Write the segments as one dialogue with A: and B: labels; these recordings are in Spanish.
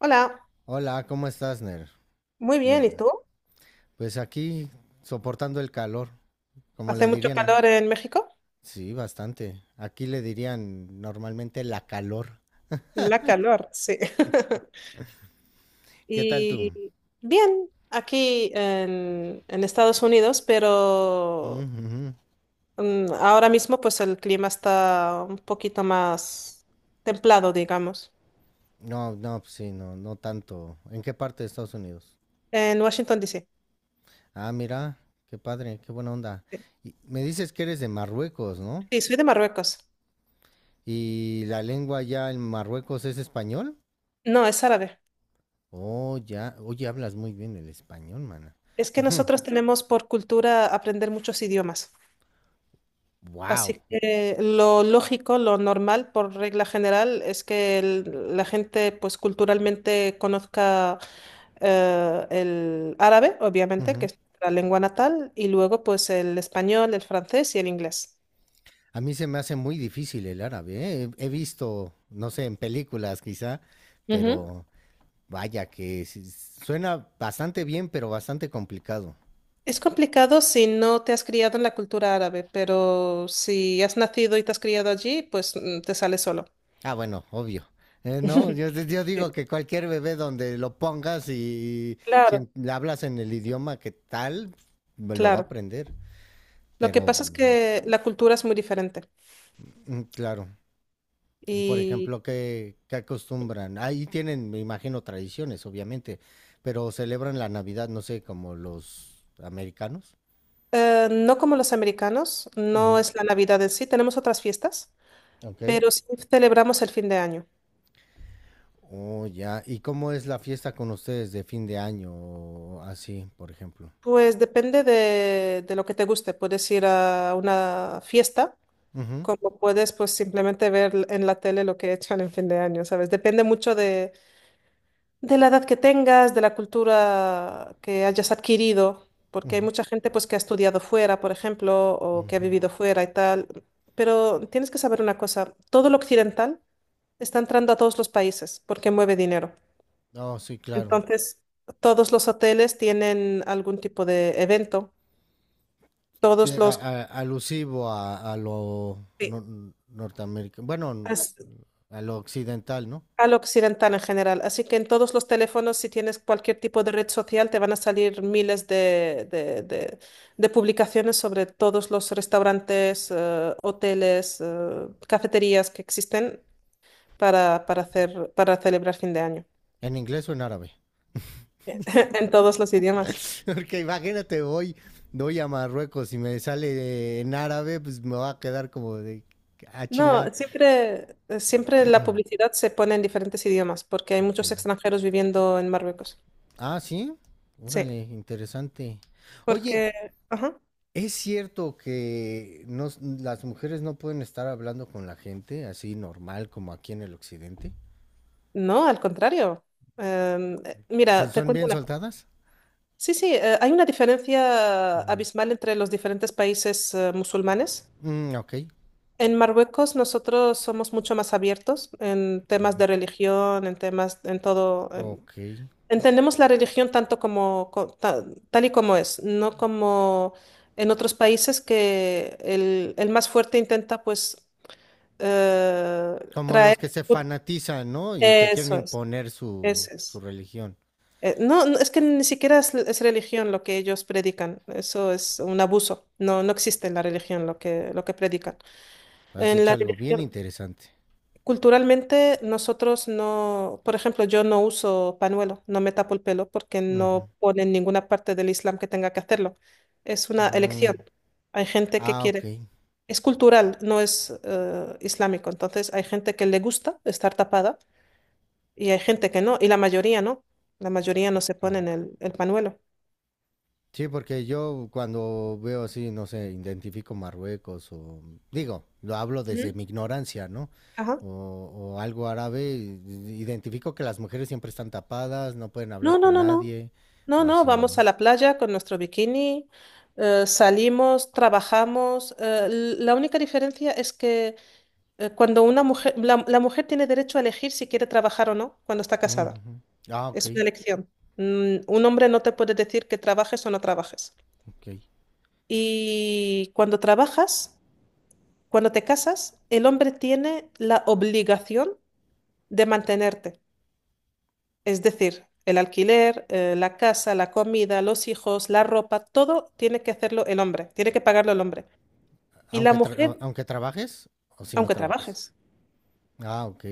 A: Hola,
B: Hola, ¿cómo estás, Ner?
A: muy bien, ¿y tú?
B: Pues aquí soportando el calor, como
A: ¿Hace
B: le
A: mucho
B: dirían,
A: calor en México?
B: sí, bastante. Aquí le dirían normalmente la calor.
A: La calor, sí.
B: ¿Qué tal tú?
A: Y bien, aquí en Estados Unidos, pero
B: Mm, ujú.
A: ahora mismo pues el clima está un poquito más templado, digamos.
B: No, pues sí, no, no tanto. ¿En qué parte de Estados Unidos?
A: En Washington, D.C.
B: Ah, mira, qué padre, qué buena onda.
A: Sí,
B: Y me dices que eres de Marruecos, ¿no?
A: sí, soy de Marruecos.
B: ¿Y la lengua ya en Marruecos es español?
A: No, es árabe.
B: Oh, ya, oye, hablas muy bien el español, mana.
A: Es que nosotros tenemos por cultura aprender muchos idiomas.
B: Wow.
A: Así que lo lógico, lo normal, por regla general, es que la gente, pues culturalmente conozca el árabe, obviamente, que es la lengua natal, y luego, pues el español, el francés y el inglés.
B: A mí se me hace muy difícil el árabe, ¿eh? He visto, no sé, en películas quizá,
A: Ujú.
B: pero vaya que sí- suena bastante bien, pero bastante complicado.
A: Es complicado si no te has criado en la cultura árabe, pero si has nacido y te has criado allí, pues te sale solo.
B: Ah, bueno, obvio. No, yo digo
A: Sí.
B: que cualquier bebé donde lo pongas y si
A: Claro,
B: em- le hablas en el idioma que tal, me lo va a
A: claro.
B: aprender.
A: Lo que
B: Pero,
A: pasa es que la cultura es muy diferente.
B: mm, claro. Por ejemplo, ¿qué acostumbran? Ahí tienen, me imagino, tradiciones, obviamente, pero celebran la Navidad, no sé, como los americanos.
A: No como los americanos, no
B: Ujú.
A: es la Navidad en sí, tenemos otras fiestas,
B: Ok.
A: pero sí celebramos el fin de año.
B: Oh, ya. ¿Y cómo es la fiesta con ustedes de fin de año o así, por ejemplo?
A: Pues depende de lo que te guste. Puedes ir a una fiesta,
B: Ujú,
A: como puedes pues simplemente ver en la tele lo que echan en fin de año, ¿sabes? Depende mucho de la edad que tengas, de la cultura que hayas adquirido, porque hay
B: ujú,
A: mucha gente pues que ha estudiado fuera, por ejemplo, o que ha
B: ujú.
A: vivido fuera y tal. Pero tienes que saber una cosa, todo lo occidental está entrando a todos los países porque mueve dinero.
B: No, sí, claro.
A: Entonces, todos los hoteles tienen algún tipo de evento, todos los...
B: Alusivo a lo
A: sí,
B: norteamericano, bueno,
A: as-
B: a lo occidental, ¿no?
A: al occidental en general. Así que en todos los teléfonos, si tienes cualquier tipo de red social, te van a salir miles de de- publicaciones sobre todos los restaurantes, hoteles, cafeterías que existen para hacer, para celebrar fin de año
B: ¿En inglés o en árabe?
A: en todos los idiomas.
B: Porque imagínate, voy a Marruecos y me sale en árabe, pues me va a quedar como de a
A: No,
B: chinga.
A: siempre, siempre la publicidad se pone en diferentes idiomas porque hay muchos
B: Okay.
A: extranjeros viviendo en Marruecos.
B: Ah, sí.
A: Sí,
B: Órale, interesante. Oye,
A: porque, ajá,
B: ¿es cierto que no, las mujeres no pueden estar hablando con la gente así normal como aquí en el occidente?
A: no, al contrario. Mira, te
B: ¿Son
A: cuento
B: bien
A: una cosa.
B: soltadas?
A: Sí, sí, hay una
B: Uh
A: diferencia
B: -huh.
A: abismal entre los diferentes países musulmanes.
B: Mm, ok,
A: En Marruecos nosotros somos mucho más abiertos en temas de religión, en temas, en todo.
B: ok.
A: Entendemos la religión tanto como, tal y como es, no como en otros países que el más fuerte intenta pues eh,
B: Como los que
A: traer...
B: se fanatizan, ¿no? Y te quieren
A: Eso es,
B: imponer
A: eso
B: su
A: es.
B: religión.
A: No, no, es que ni siquiera es religión lo que ellos predican, eso es un abuso, no, no existe en la religión lo que predican.
B: Has
A: En
B: dicho
A: la
B: algo bien
A: religión,
B: interesante.
A: culturalmente, nosotros no, por ejemplo, yo no uso panuelo, no me tapo el pelo porque
B: Ujú.
A: no pone en ninguna parte del Islam que tenga que hacerlo. Es una elección.
B: Mm,
A: Hay gente que
B: ah, ok,
A: quiere. Es cultural, no es islámico. Entonces, hay gente que le gusta estar tapada y hay gente que no, y la mayoría no. La mayoría no se
B: claro.
A: ponen el panuelo.
B: Sí, porque yo cuando veo así, no sé, identifico Marruecos o digo, lo hablo desde
A: Ujú.
B: mi ignorancia, ¿no?
A: Ajá.
B: O, o algo árabe, identifico que las mujeres siempre están tapadas, no pueden hablar
A: No, no,
B: con
A: no, no.
B: nadie
A: No,
B: o
A: no,
B: así,
A: vamos
B: ¿no?
A: a la playa con nuestro bikini, salimos, trabajamos. La única diferencia es que cuando una mujer, la mujer tiene derecho a elegir si quiere trabajar o no cuando está casada.
B: Ujú. Ah, ok,
A: Es una elección. Mm, un hombre no te puede decir que trabajes o no trabajes.
B: ok.
A: Y cuando trabajas, cuando te casas, el hombre tiene la obligación de mantenerte. Es decir, el alquiler, la casa, la comida, los hijos, la ropa, todo tiene que hacerlo el hombre, tiene que pagarlo el hombre. Y la mujer,
B: Aunque trabajes o si no
A: aunque
B: trabajas.
A: trabajes,
B: Ah, ok.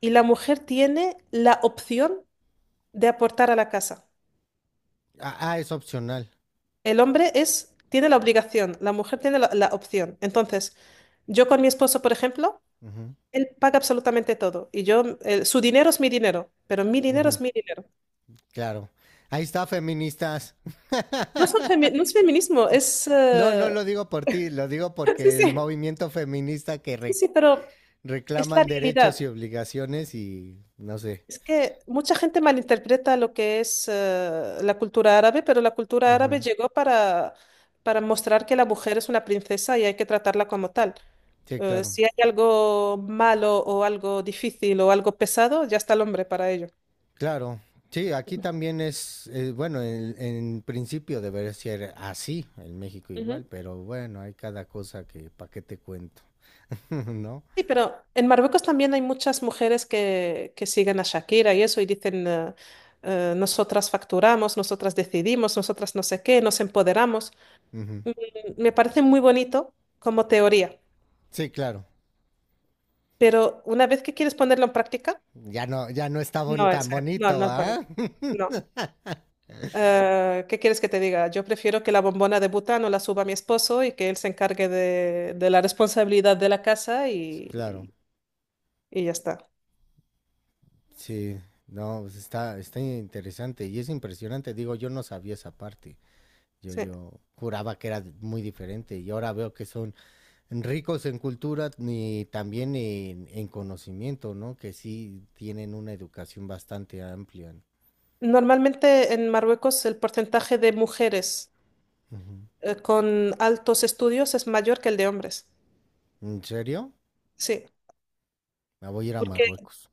A: y la mujer tiene la opción de aportar a la casa.
B: Ah, ah, es opcional.
A: El hombre es, tiene la obligación, la mujer tiene la opción. Entonces, yo con mi esposo, por ejemplo, él paga absolutamente todo y yo, su dinero es mi dinero, pero mi
B: Ujú,
A: dinero
B: ujú,
A: es mi dinero.
B: claro. Ahí está, feministas.
A: No, no es feminismo, es...
B: No, no lo digo por ti, lo digo
A: Sí,
B: porque el
A: sí,
B: movimiento feminista
A: sí, sí, pero es la
B: reclaman derechos
A: realidad.
B: y obligaciones y no sé.
A: Es que mucha gente malinterpreta lo que es la cultura árabe, pero la cultura árabe
B: Ujú.
A: llegó para mostrar que la mujer es una princesa y hay que tratarla como tal.
B: Sí, claro.
A: Si hay algo malo o algo difícil o algo pesado, ya está el hombre para ello.
B: Claro. Sí, aquí también es, bueno, en principio debería ser así, en México
A: Ujú.
B: igual, pero bueno, hay cada cosa que, ¿para qué te cuento? ¿No?
A: Sí, pero en Marruecos también hay muchas mujeres que siguen a Shakira y eso y dicen, nosotras facturamos, nosotras decidimos, nosotras no sé qué, nos empoderamos.
B: Ujú.
A: Mm, me parece muy bonito como teoría.
B: Sí, claro.
A: Pero una vez que quieres ponerlo en práctica,
B: Ya no,
A: no es,
B: tan
A: no, no
B: bonito,
A: es
B: ¿ah?
A: bonito. No. ¿Qué quieres que te diga? Yo prefiero que la bombona de butano la suba mi esposo y que él se encargue de la responsabilidad de la casa
B: Claro,
A: y ya está.
B: sí, no, pues está, está interesante y es impresionante. Digo, yo no sabía esa parte.
A: Sí.
B: Yo juraba que era muy diferente y ahora veo que son ricos en cultura y también en conocimiento, ¿no? Que sí tienen una educación bastante amplia.
A: Normalmente en Marruecos el porcentaje de mujeres
B: Ujú.
A: con altos estudios es mayor que el de hombres.
B: ¿En serio?
A: Sí.
B: Me voy a ir a
A: Porque,
B: Marruecos.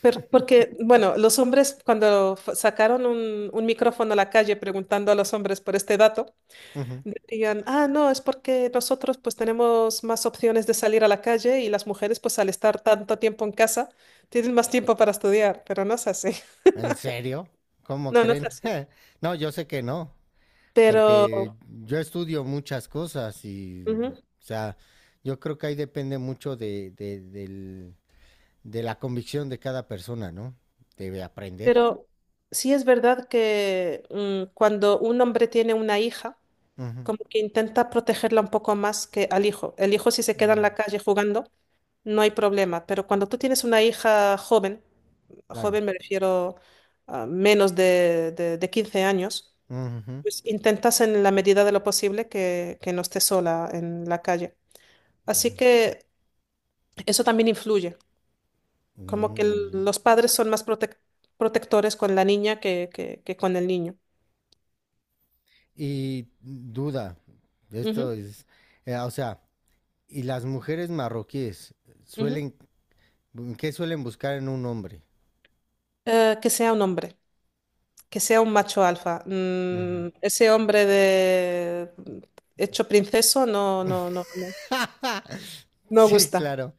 A: porque, bueno, los hombres cuando sacaron un micrófono a la calle preguntando a los hombres por este dato,
B: Ujú.
A: dirían, ah, no, es porque nosotros pues tenemos más opciones de salir a la calle y las mujeres pues al estar tanto tiempo en casa tienen más tiempo para estudiar, pero no es así.
B: ¿En serio? ¿Cómo
A: No, no es
B: creen?
A: así.
B: No, yo sé que no,
A: Pero,
B: porque yo estudio muchas cosas y,
A: ujú,
B: o sea, yo creo que ahí depende mucho de la convicción de cada persona, ¿no? Debe aprender.
A: pero sí es verdad que cuando un hombre tiene una hija, como que intenta protegerla un poco más que al hijo. El hijo si se queda
B: Mm,
A: en la calle jugando, no hay problema, pero cuando tú tienes una hija joven,
B: claro.
A: joven me refiero a menos de 15 años,
B: Ujú,
A: pues intentas en la medida de lo posible que no estés sola en la calle. Así
B: ujú.
A: que eso también influye, como que
B: Mm,
A: los padres son protectores con la niña que con el niño.
B: y duda, esto
A: Ujú,
B: es, o sea, y las mujeres marroquíes
A: ujú.
B: suelen, ¿qué suelen buscar en un hombre?
A: Que sea un hombre, que sea un macho alfa.
B: Ujú.
A: Mm, ese hombre de hecho princeso no, no, no, no, no
B: Sí,
A: gusta.
B: claro.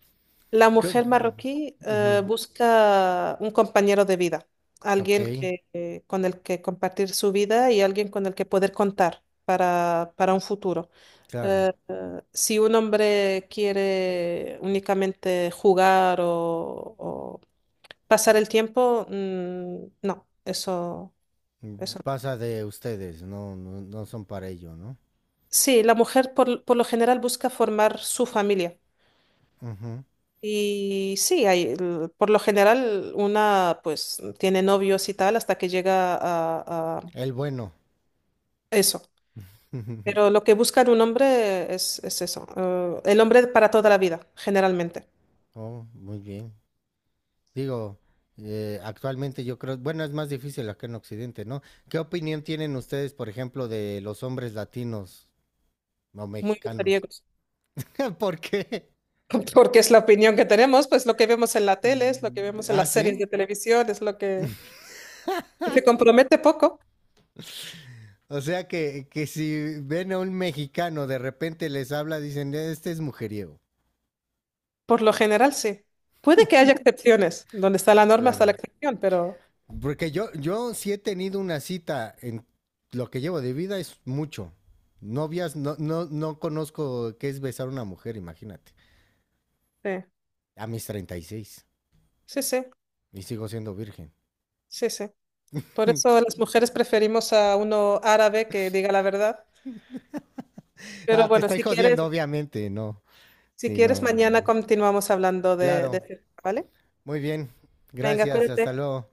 A: La
B: Co-
A: mujer marroquí
B: Ujú.
A: busca un compañero de vida,
B: Ok,
A: alguien que, con el que compartir su vida y alguien con el que poder contar para un futuro.
B: claro.
A: Si un hombre quiere únicamente jugar o pasar el tiempo, mm, no, eso,
B: Mm,
A: eso. No.
B: pasa de ustedes, no, no, no son para ello, ¿no?
A: Sí, la mujer por lo general busca formar su familia.
B: Ujú.
A: Y sí, hay, por lo general una pues tiene novios y tal hasta que llega a
B: El bueno.
A: eso. Pero lo que busca en un hombre es eso, el hombre para toda la vida, generalmente.
B: Oh, muy bien. Digo, actualmente yo creo, bueno, es más difícil acá en Occidente, ¿no? ¿Qué opinión tienen ustedes, por ejemplo, de los hombres latinos o
A: Muy
B: mexicanos?
A: mujeriegos,
B: ¿Por qué?
A: porque es la opinión que tenemos, pues lo que vemos en la tele, es lo que
B: Mm,
A: vemos en
B: ¿ah,
A: las
B: sí?
A: series de televisión, es lo que se compromete poco,
B: O sea que si ven a un mexicano de repente les habla, dicen, este es mujeriego.
A: por lo general sí. Puede que haya excepciones, donde está la norma está la
B: Claro.
A: excepción, pero
B: Porque yo sí he tenido una cita en lo que llevo de vida es mucho. Novias, no conozco qué es besar a una mujer, imagínate.
A: sí,
B: A mis 36.
A: sí, sí,
B: Y sigo siendo virgen.
A: sí, sí. Por eso las mujeres preferimos a uno árabe que diga la verdad.
B: Ah,
A: Pero
B: te
A: bueno,
B: estoy
A: si quieres,
B: jodiendo, obviamente, no.
A: si
B: Sí,
A: quieres,
B: no.
A: mañana continuamos hablando de,
B: Claro.
A: este tema, ¿vale?
B: Muy bien.
A: Venga,
B: Gracias. Hasta
A: cuídate.
B: luego.